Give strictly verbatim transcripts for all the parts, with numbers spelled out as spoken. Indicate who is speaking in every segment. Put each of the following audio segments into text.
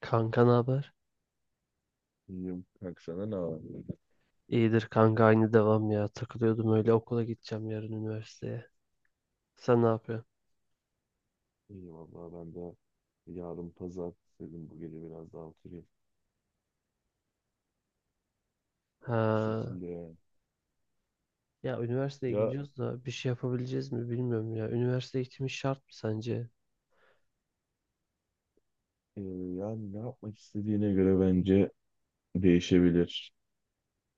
Speaker 1: Kanka ne haber?
Speaker 2: İyiyim. Kanka senden ne var?
Speaker 1: İyidir kanka aynı devam ya. Takılıyordum öyle okula gideceğim yarın üniversiteye. Sen ne yapıyorsun?
Speaker 2: İyi vallahi ben de yarın pazar dedim bu gece biraz daha oturayım. Bu
Speaker 1: Ha,
Speaker 2: şekilde yani.
Speaker 1: ya üniversiteye
Speaker 2: Ya
Speaker 1: gidiyoruz da bir şey yapabileceğiz mi bilmiyorum ya. Üniversite eğitimi şart mı sence?
Speaker 2: e, yani ne yapmak istediğine göre bence değişebilir.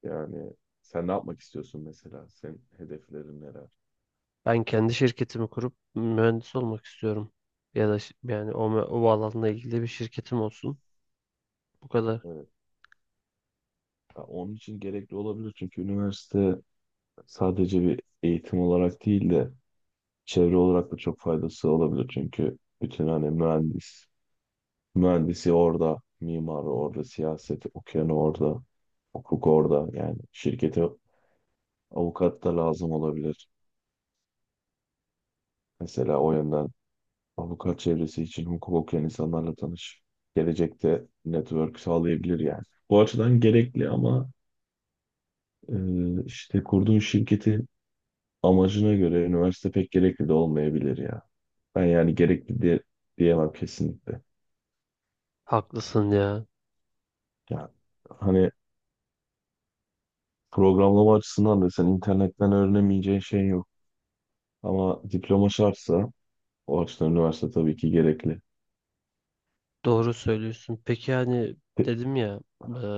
Speaker 2: Yani sen ne yapmak istiyorsun mesela? Senin hedeflerin neler?
Speaker 1: Ben kendi şirketimi kurup mühendis olmak istiyorum. Ya da ş- yani o, mü- o alanla ilgili bir şirketim olsun. Bu kadar.
Speaker 2: Evet. Ya onun için gerekli olabilir çünkü üniversite sadece bir eğitim olarak değil de çevre olarak da çok faydası olabilir. Çünkü bütün hani mühendis Mühendisi orada, mimarı orada, siyaseti okuyanı orada, hukuk orada. Yani şirkete avukat da lazım olabilir. Mesela o yönden avukat çevresi için hukuk okuyan insanlarla tanış. Gelecekte network sağlayabilir yani. Bu açıdan gerekli ama e, işte kurduğun şirketin amacına göre üniversite pek gerekli de olmayabilir ya. Ben yani gerekli diye, diyemem kesinlikle.
Speaker 1: Haklısın ya.
Speaker 2: Yani hani programlama açısından da sen internetten öğrenemeyeceğin şey yok. Ama diploma şartsa o açıdan üniversite tabii ki gerekli.
Speaker 1: Doğru söylüyorsun. Peki yani
Speaker 2: E-
Speaker 1: dedim ya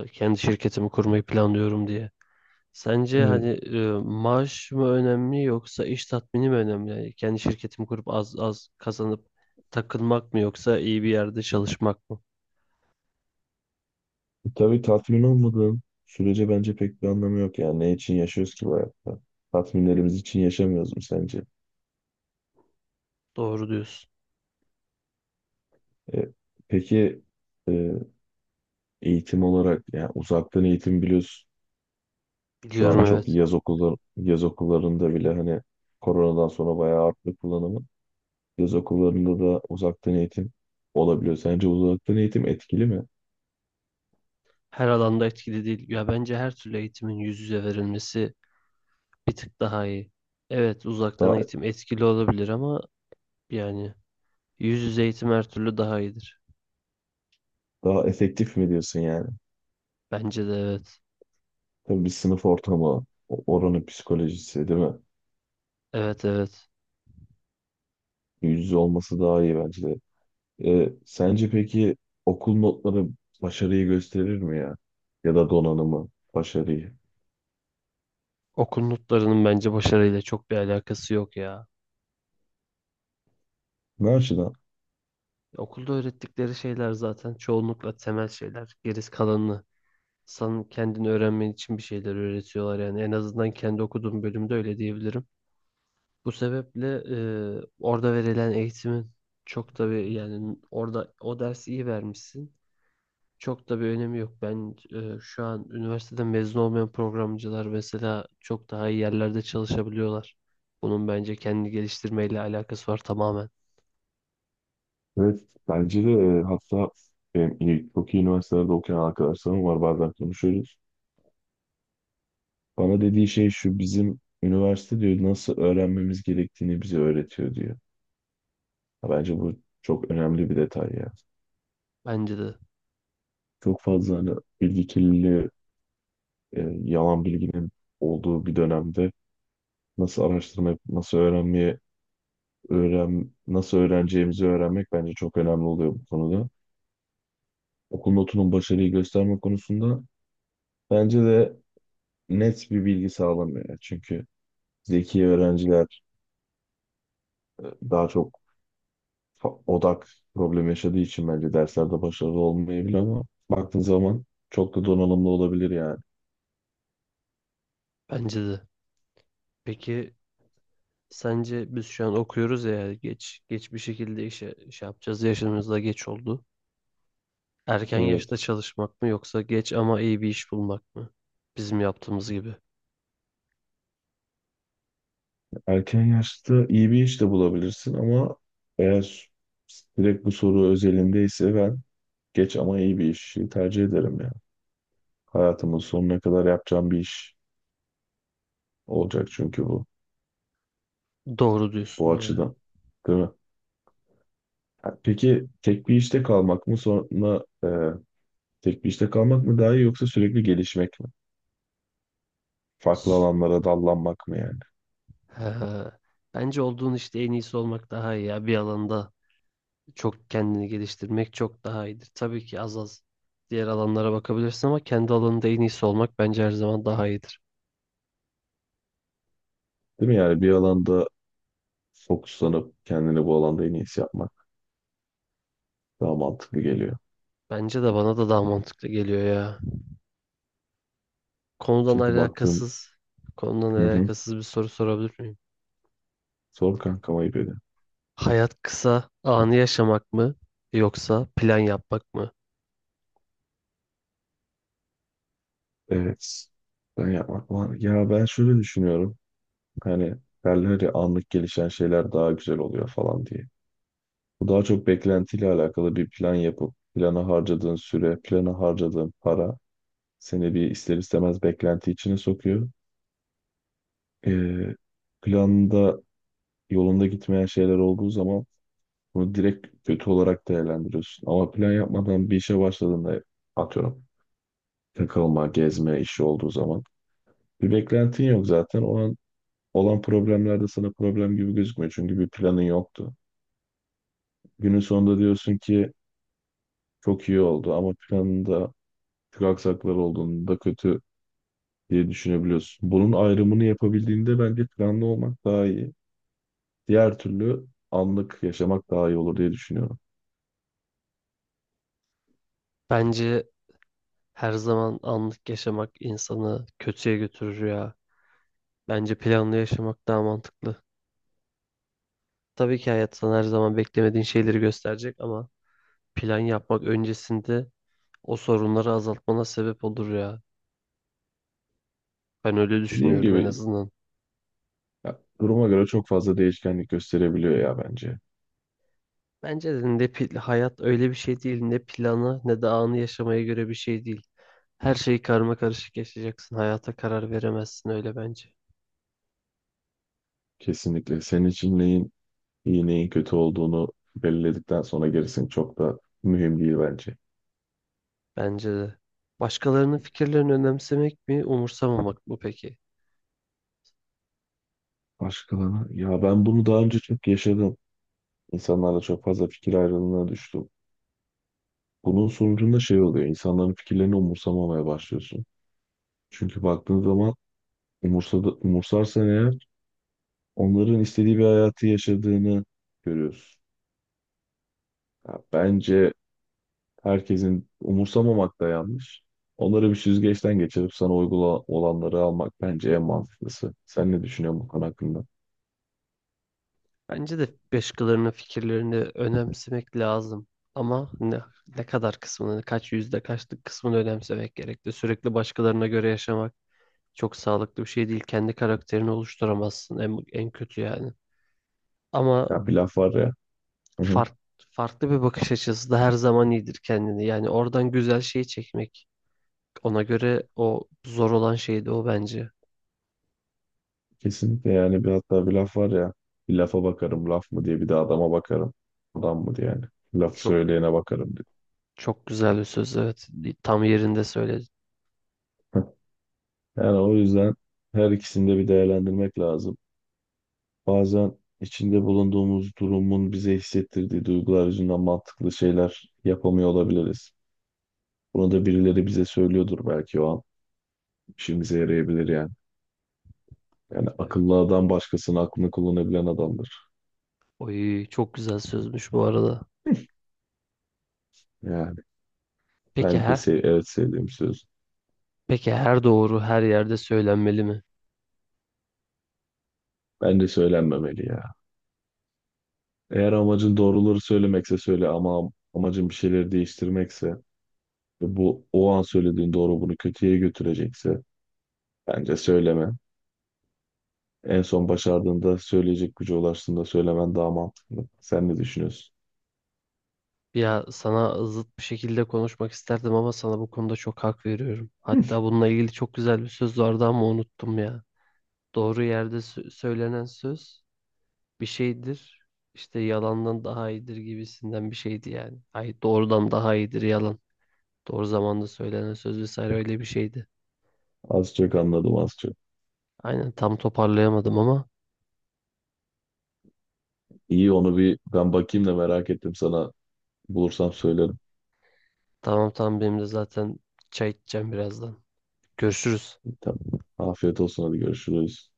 Speaker 1: e, kendi şirketimi kurmayı planlıyorum diye. Sence
Speaker 2: Evet.
Speaker 1: hani e, maaş mı önemli yoksa iş tatmini mi önemli? Yani kendi şirketimi kurup az az kazanıp takılmak mı yoksa iyi bir yerde çalışmak mı?
Speaker 2: E, Tabii tatmin olmadığın sürece bence pek bir anlamı yok. Yani ne için yaşıyoruz ki bu hayatta? Tatminlerimiz için yaşamıyoruz mu sence?
Speaker 1: Doğru diyorsun.
Speaker 2: E, peki e, eğitim olarak yani uzaktan eğitim biliyorsun. Şu an
Speaker 1: Biliyorum,
Speaker 2: çok
Speaker 1: evet.
Speaker 2: yaz okulları, yaz okullarında bile hani koronadan sonra bayağı arttı kullanımı. Yaz okullarında da uzaktan eğitim olabiliyor. Sence uzaktan eğitim etkili mi?
Speaker 1: Her alanda etkili değil. Ya bence her türlü eğitimin yüz yüze verilmesi bir tık daha iyi. Evet, uzaktan
Speaker 2: Daha
Speaker 1: eğitim etkili olabilir ama yani yüz yüze eğitim her türlü daha iyidir.
Speaker 2: daha efektif mi diyorsun yani?
Speaker 1: Bence de evet.
Speaker 2: Tabii bir sınıf ortamı, o- oranın psikolojisi değil mi?
Speaker 1: Evet, evet.
Speaker 2: Yüz yüze olması daha iyi bence de. Ee, sence peki okul notları başarıyı gösterir mi ya? Ya da donanımı, başarıyı?
Speaker 1: Okul notlarının bence başarıyla çok bir alakası yok ya.
Speaker 2: Ne açıdan?
Speaker 1: Okulda öğrettikleri şeyler zaten çoğunlukla temel şeyler. Gerisi kalanını sen kendini öğrenmen için bir şeyler öğretiyorlar yani. En azından kendi okuduğum bölümde öyle diyebilirim. Bu sebeple e, orada verilen eğitimin çok da bir yani orada o dersi iyi vermişsin. Çok da bir önemi yok. Ben e, şu an üniversiteden mezun olmayan programcılar mesela çok daha iyi yerlerde çalışabiliyorlar. Bunun bence kendini geliştirmeyle alakası var tamamen.
Speaker 2: Evet, bence de e, hatta benim iyi, çok iyi üniversitelerde okuyan arkadaşlarım var, bazen konuşuyoruz. Bana dediği şey şu: bizim üniversite diyor nasıl öğrenmemiz gerektiğini bize öğretiyor diyor. Ha, bence bu çok önemli bir detay ya.
Speaker 1: Bence de.
Speaker 2: Çok fazla hani bilgi kirliliği, e, yalan bilginin olduğu bir dönemde nasıl araştırma yapıp nasıl öğrenmeye, öğren, nasıl öğreneceğimizi öğrenmek bence çok önemli oluyor bu konuda. Okul notunun başarıyı gösterme konusunda bence de net bir bilgi sağlamıyor. Yani çünkü zeki öğrenciler e, daha çok fa- odak problemi yaşadığı için bence derslerde başarılı olmayabilir ama baktığın zaman çok da donanımlı olabilir yani.
Speaker 1: Bence de. Peki sence biz şu an okuyoruz ya geç geç bir şekilde işe şey yapacağız yaşımızda geç oldu. Erken
Speaker 2: Evet.
Speaker 1: yaşta çalışmak mı yoksa geç ama iyi bir iş bulmak mı? Bizim yaptığımız gibi.
Speaker 2: Erken yaşta iyi bir iş de bulabilirsin ama eğer direkt bu soru özelindeyse ben geç ama iyi bir işi tercih ederim ya. Hayatımın sonuna kadar yapacağım bir iş olacak çünkü bu.
Speaker 1: Doğru
Speaker 2: Bu
Speaker 1: diyorsun ya.
Speaker 2: açıdan. Değil mi? Ha, peki tek bir işte kalmak mı sonra e, tek bir işte kalmak mı daha iyi yoksa sürekli gelişmek mi? Farklı
Speaker 1: S-
Speaker 2: alanlara dallanmak mı yani?
Speaker 1: He. Bence olduğun işte en iyisi olmak daha iyi ya. Bir alanda çok kendini geliştirmek çok daha iyidir. Tabii ki az az diğer alanlara bakabilirsin ama kendi alanında en iyisi olmak bence her zaman daha iyidir.
Speaker 2: Değil mi? Yani bir alanda fokuslanıp kendini bu alanda en iyisi yapmak daha mantıklı geliyor.
Speaker 1: Bence de, bana da daha mantıklı geliyor ya. Konudan
Speaker 2: Çünkü baktığım.
Speaker 1: alakasız, konudan
Speaker 2: Hı hı,
Speaker 1: alakasız bir soru sorabilir miyim?
Speaker 2: zor kankam, ayıp ediyorum.
Speaker 1: Hayat kısa, anı yaşamak mı yoksa plan yapmak mı?
Speaker 2: Evet. Ben yapmak var. Ya ben şöyle düşünüyorum. Hani derler ya, anlık gelişen şeyler daha güzel oluyor falan diye. Bu daha çok beklentiyle alakalı, bir plan yapıp plana harcadığın süre, plana harcadığın para seni bir ister istemez beklenti içine sokuyor. Ee, planda yolunda gitmeyen şeyler olduğu zaman bunu direkt kötü olarak değerlendiriyorsun. Ama plan yapmadan bir işe başladığında, atıyorum, takılma, gezme işi olduğu zaman bir beklentin yok zaten. O an olan problemler de sana problem gibi gözükmüyor, çünkü bir planın yoktu. Günün sonunda diyorsun ki çok iyi oldu, ama planında çok aksaklar olduğunda kötü diye düşünebiliyorsun. Bunun ayrımını yapabildiğinde bence planlı olmak daha iyi. Diğer türlü anlık yaşamak daha iyi olur diye düşünüyorum.
Speaker 1: Bence her zaman anlık yaşamak insanı kötüye götürür ya. Bence planlı yaşamak daha mantıklı. Tabii ki hayat sana her zaman beklemediğin şeyleri gösterecek ama plan yapmak öncesinde o sorunları azaltmana sebep olur ya. Ben öyle
Speaker 2: Dediğim
Speaker 1: düşünüyorum, en
Speaker 2: gibi
Speaker 1: azından.
Speaker 2: ya, duruma göre çok fazla değişkenlik gösterebiliyor ya bence.
Speaker 1: Bence de ne pil- hayat öyle bir şey değil, ne planı ne de anı yaşamaya göre bir şey değil. Her şeyi karma karışık yaşayacaksın. Hayata karar veremezsin öyle bence.
Speaker 2: Kesinlikle. Senin için neyin iyi, neyin kötü olduğunu belirledikten sonra gerisi çok da mühim değil bence.
Speaker 1: Bence de. Başkalarının fikirlerini önemsemek mi, umursamamak mı peki?
Speaker 2: Başkalarına. Ya ben bunu daha önce çok yaşadım. İnsanlarla çok fazla fikir ayrılığına düştüm. Bunun sonucunda şey oluyor: İnsanların fikirlerini umursamamaya başlıyorsun. Çünkü baktığın zaman umursadı, umursarsan eğer, onların istediği bir hayatı yaşadığını görüyorsun. Ya bence herkesin umursamamak da yanlış. Onları bir süzgeçten geçirip sana uygula olanları almak bence en mantıklısı. Sen ne düşünüyorsun bu konu hakkında?
Speaker 1: Bence de başkalarının fikirlerini önemsemek lazım. Ama ne, ne kadar kısmını, kaç yüzde kaçlık kısmını önemsemek gerekli. Sürekli başkalarına göre yaşamak çok sağlıklı bir şey değil. Kendi karakterini oluşturamazsın en, en kötü yani. Ama
Speaker 2: Ya bir laf var ya. Hı hı.
Speaker 1: fark, farklı bir bakış açısı da her zaman iyidir kendini. Yani oradan güzel şeyi çekmek. Ona göre o zor olan şeydi o bence.
Speaker 2: Kesinlikle, yani bir hatta bir laf var ya: bir lafa bakarım laf mı diye, bir de adama bakarım adam mı diye, yani laf
Speaker 1: Çok,
Speaker 2: söyleyene bakarım diye.
Speaker 1: çok güzel bir söz, evet. Tam yerinde söyledin.
Speaker 2: Yani o yüzden her ikisini de bir değerlendirmek lazım. Bazen içinde bulunduğumuz durumun bize hissettirdiği duygular yüzünden mantıklı şeyler yapamıyor olabiliriz. Bunu da birileri bize söylüyordur belki o an. İşimize yarayabilir yani. Yani
Speaker 1: Evet.
Speaker 2: akıllı adam başkasının aklını kullanabilen adamdır.
Speaker 1: Oy, çok güzel sözmüş bu arada.
Speaker 2: Yani
Speaker 1: Peki
Speaker 2: ben de
Speaker 1: her
Speaker 2: sev evet, sevdiğim söz.
Speaker 1: peki her doğru her yerde söylenmeli mi?
Speaker 2: Bence söylenmemeli ya. Eğer amacın doğruları söylemekse söyle, ama am- amacın bir şeyleri değiştirmekse ve bu o an söylediğin doğru bunu kötüye götürecekse bence söyleme. En son başardığında, söyleyecek güce ulaştığında söylemen daha mantıklı. Sen ne düşünüyorsun?
Speaker 1: Ya sana zıt bir şekilde konuşmak isterdim ama sana bu konuda çok hak veriyorum. Hatta bununla ilgili çok güzel bir söz vardı ama unuttum ya. Doğru yerde sö- söylenen söz bir şeydir. İşte yalandan daha iyidir gibisinden bir şeydi yani. Ay, doğrudan daha iyidir yalan. Doğru zamanda söylenen söz vesaire, öyle bir şeydi.
Speaker 2: Az çok anladım, az çok.
Speaker 1: Aynen, tam toparlayamadım ama
Speaker 2: İyi, onu bir ben bakayım da, merak ettim sana. Bulursam söylerim.
Speaker 1: tamam tamam benim de zaten çay içeceğim birazdan. Görüşürüz.
Speaker 2: Tamam. Afiyet olsun, hadi görüşürüz.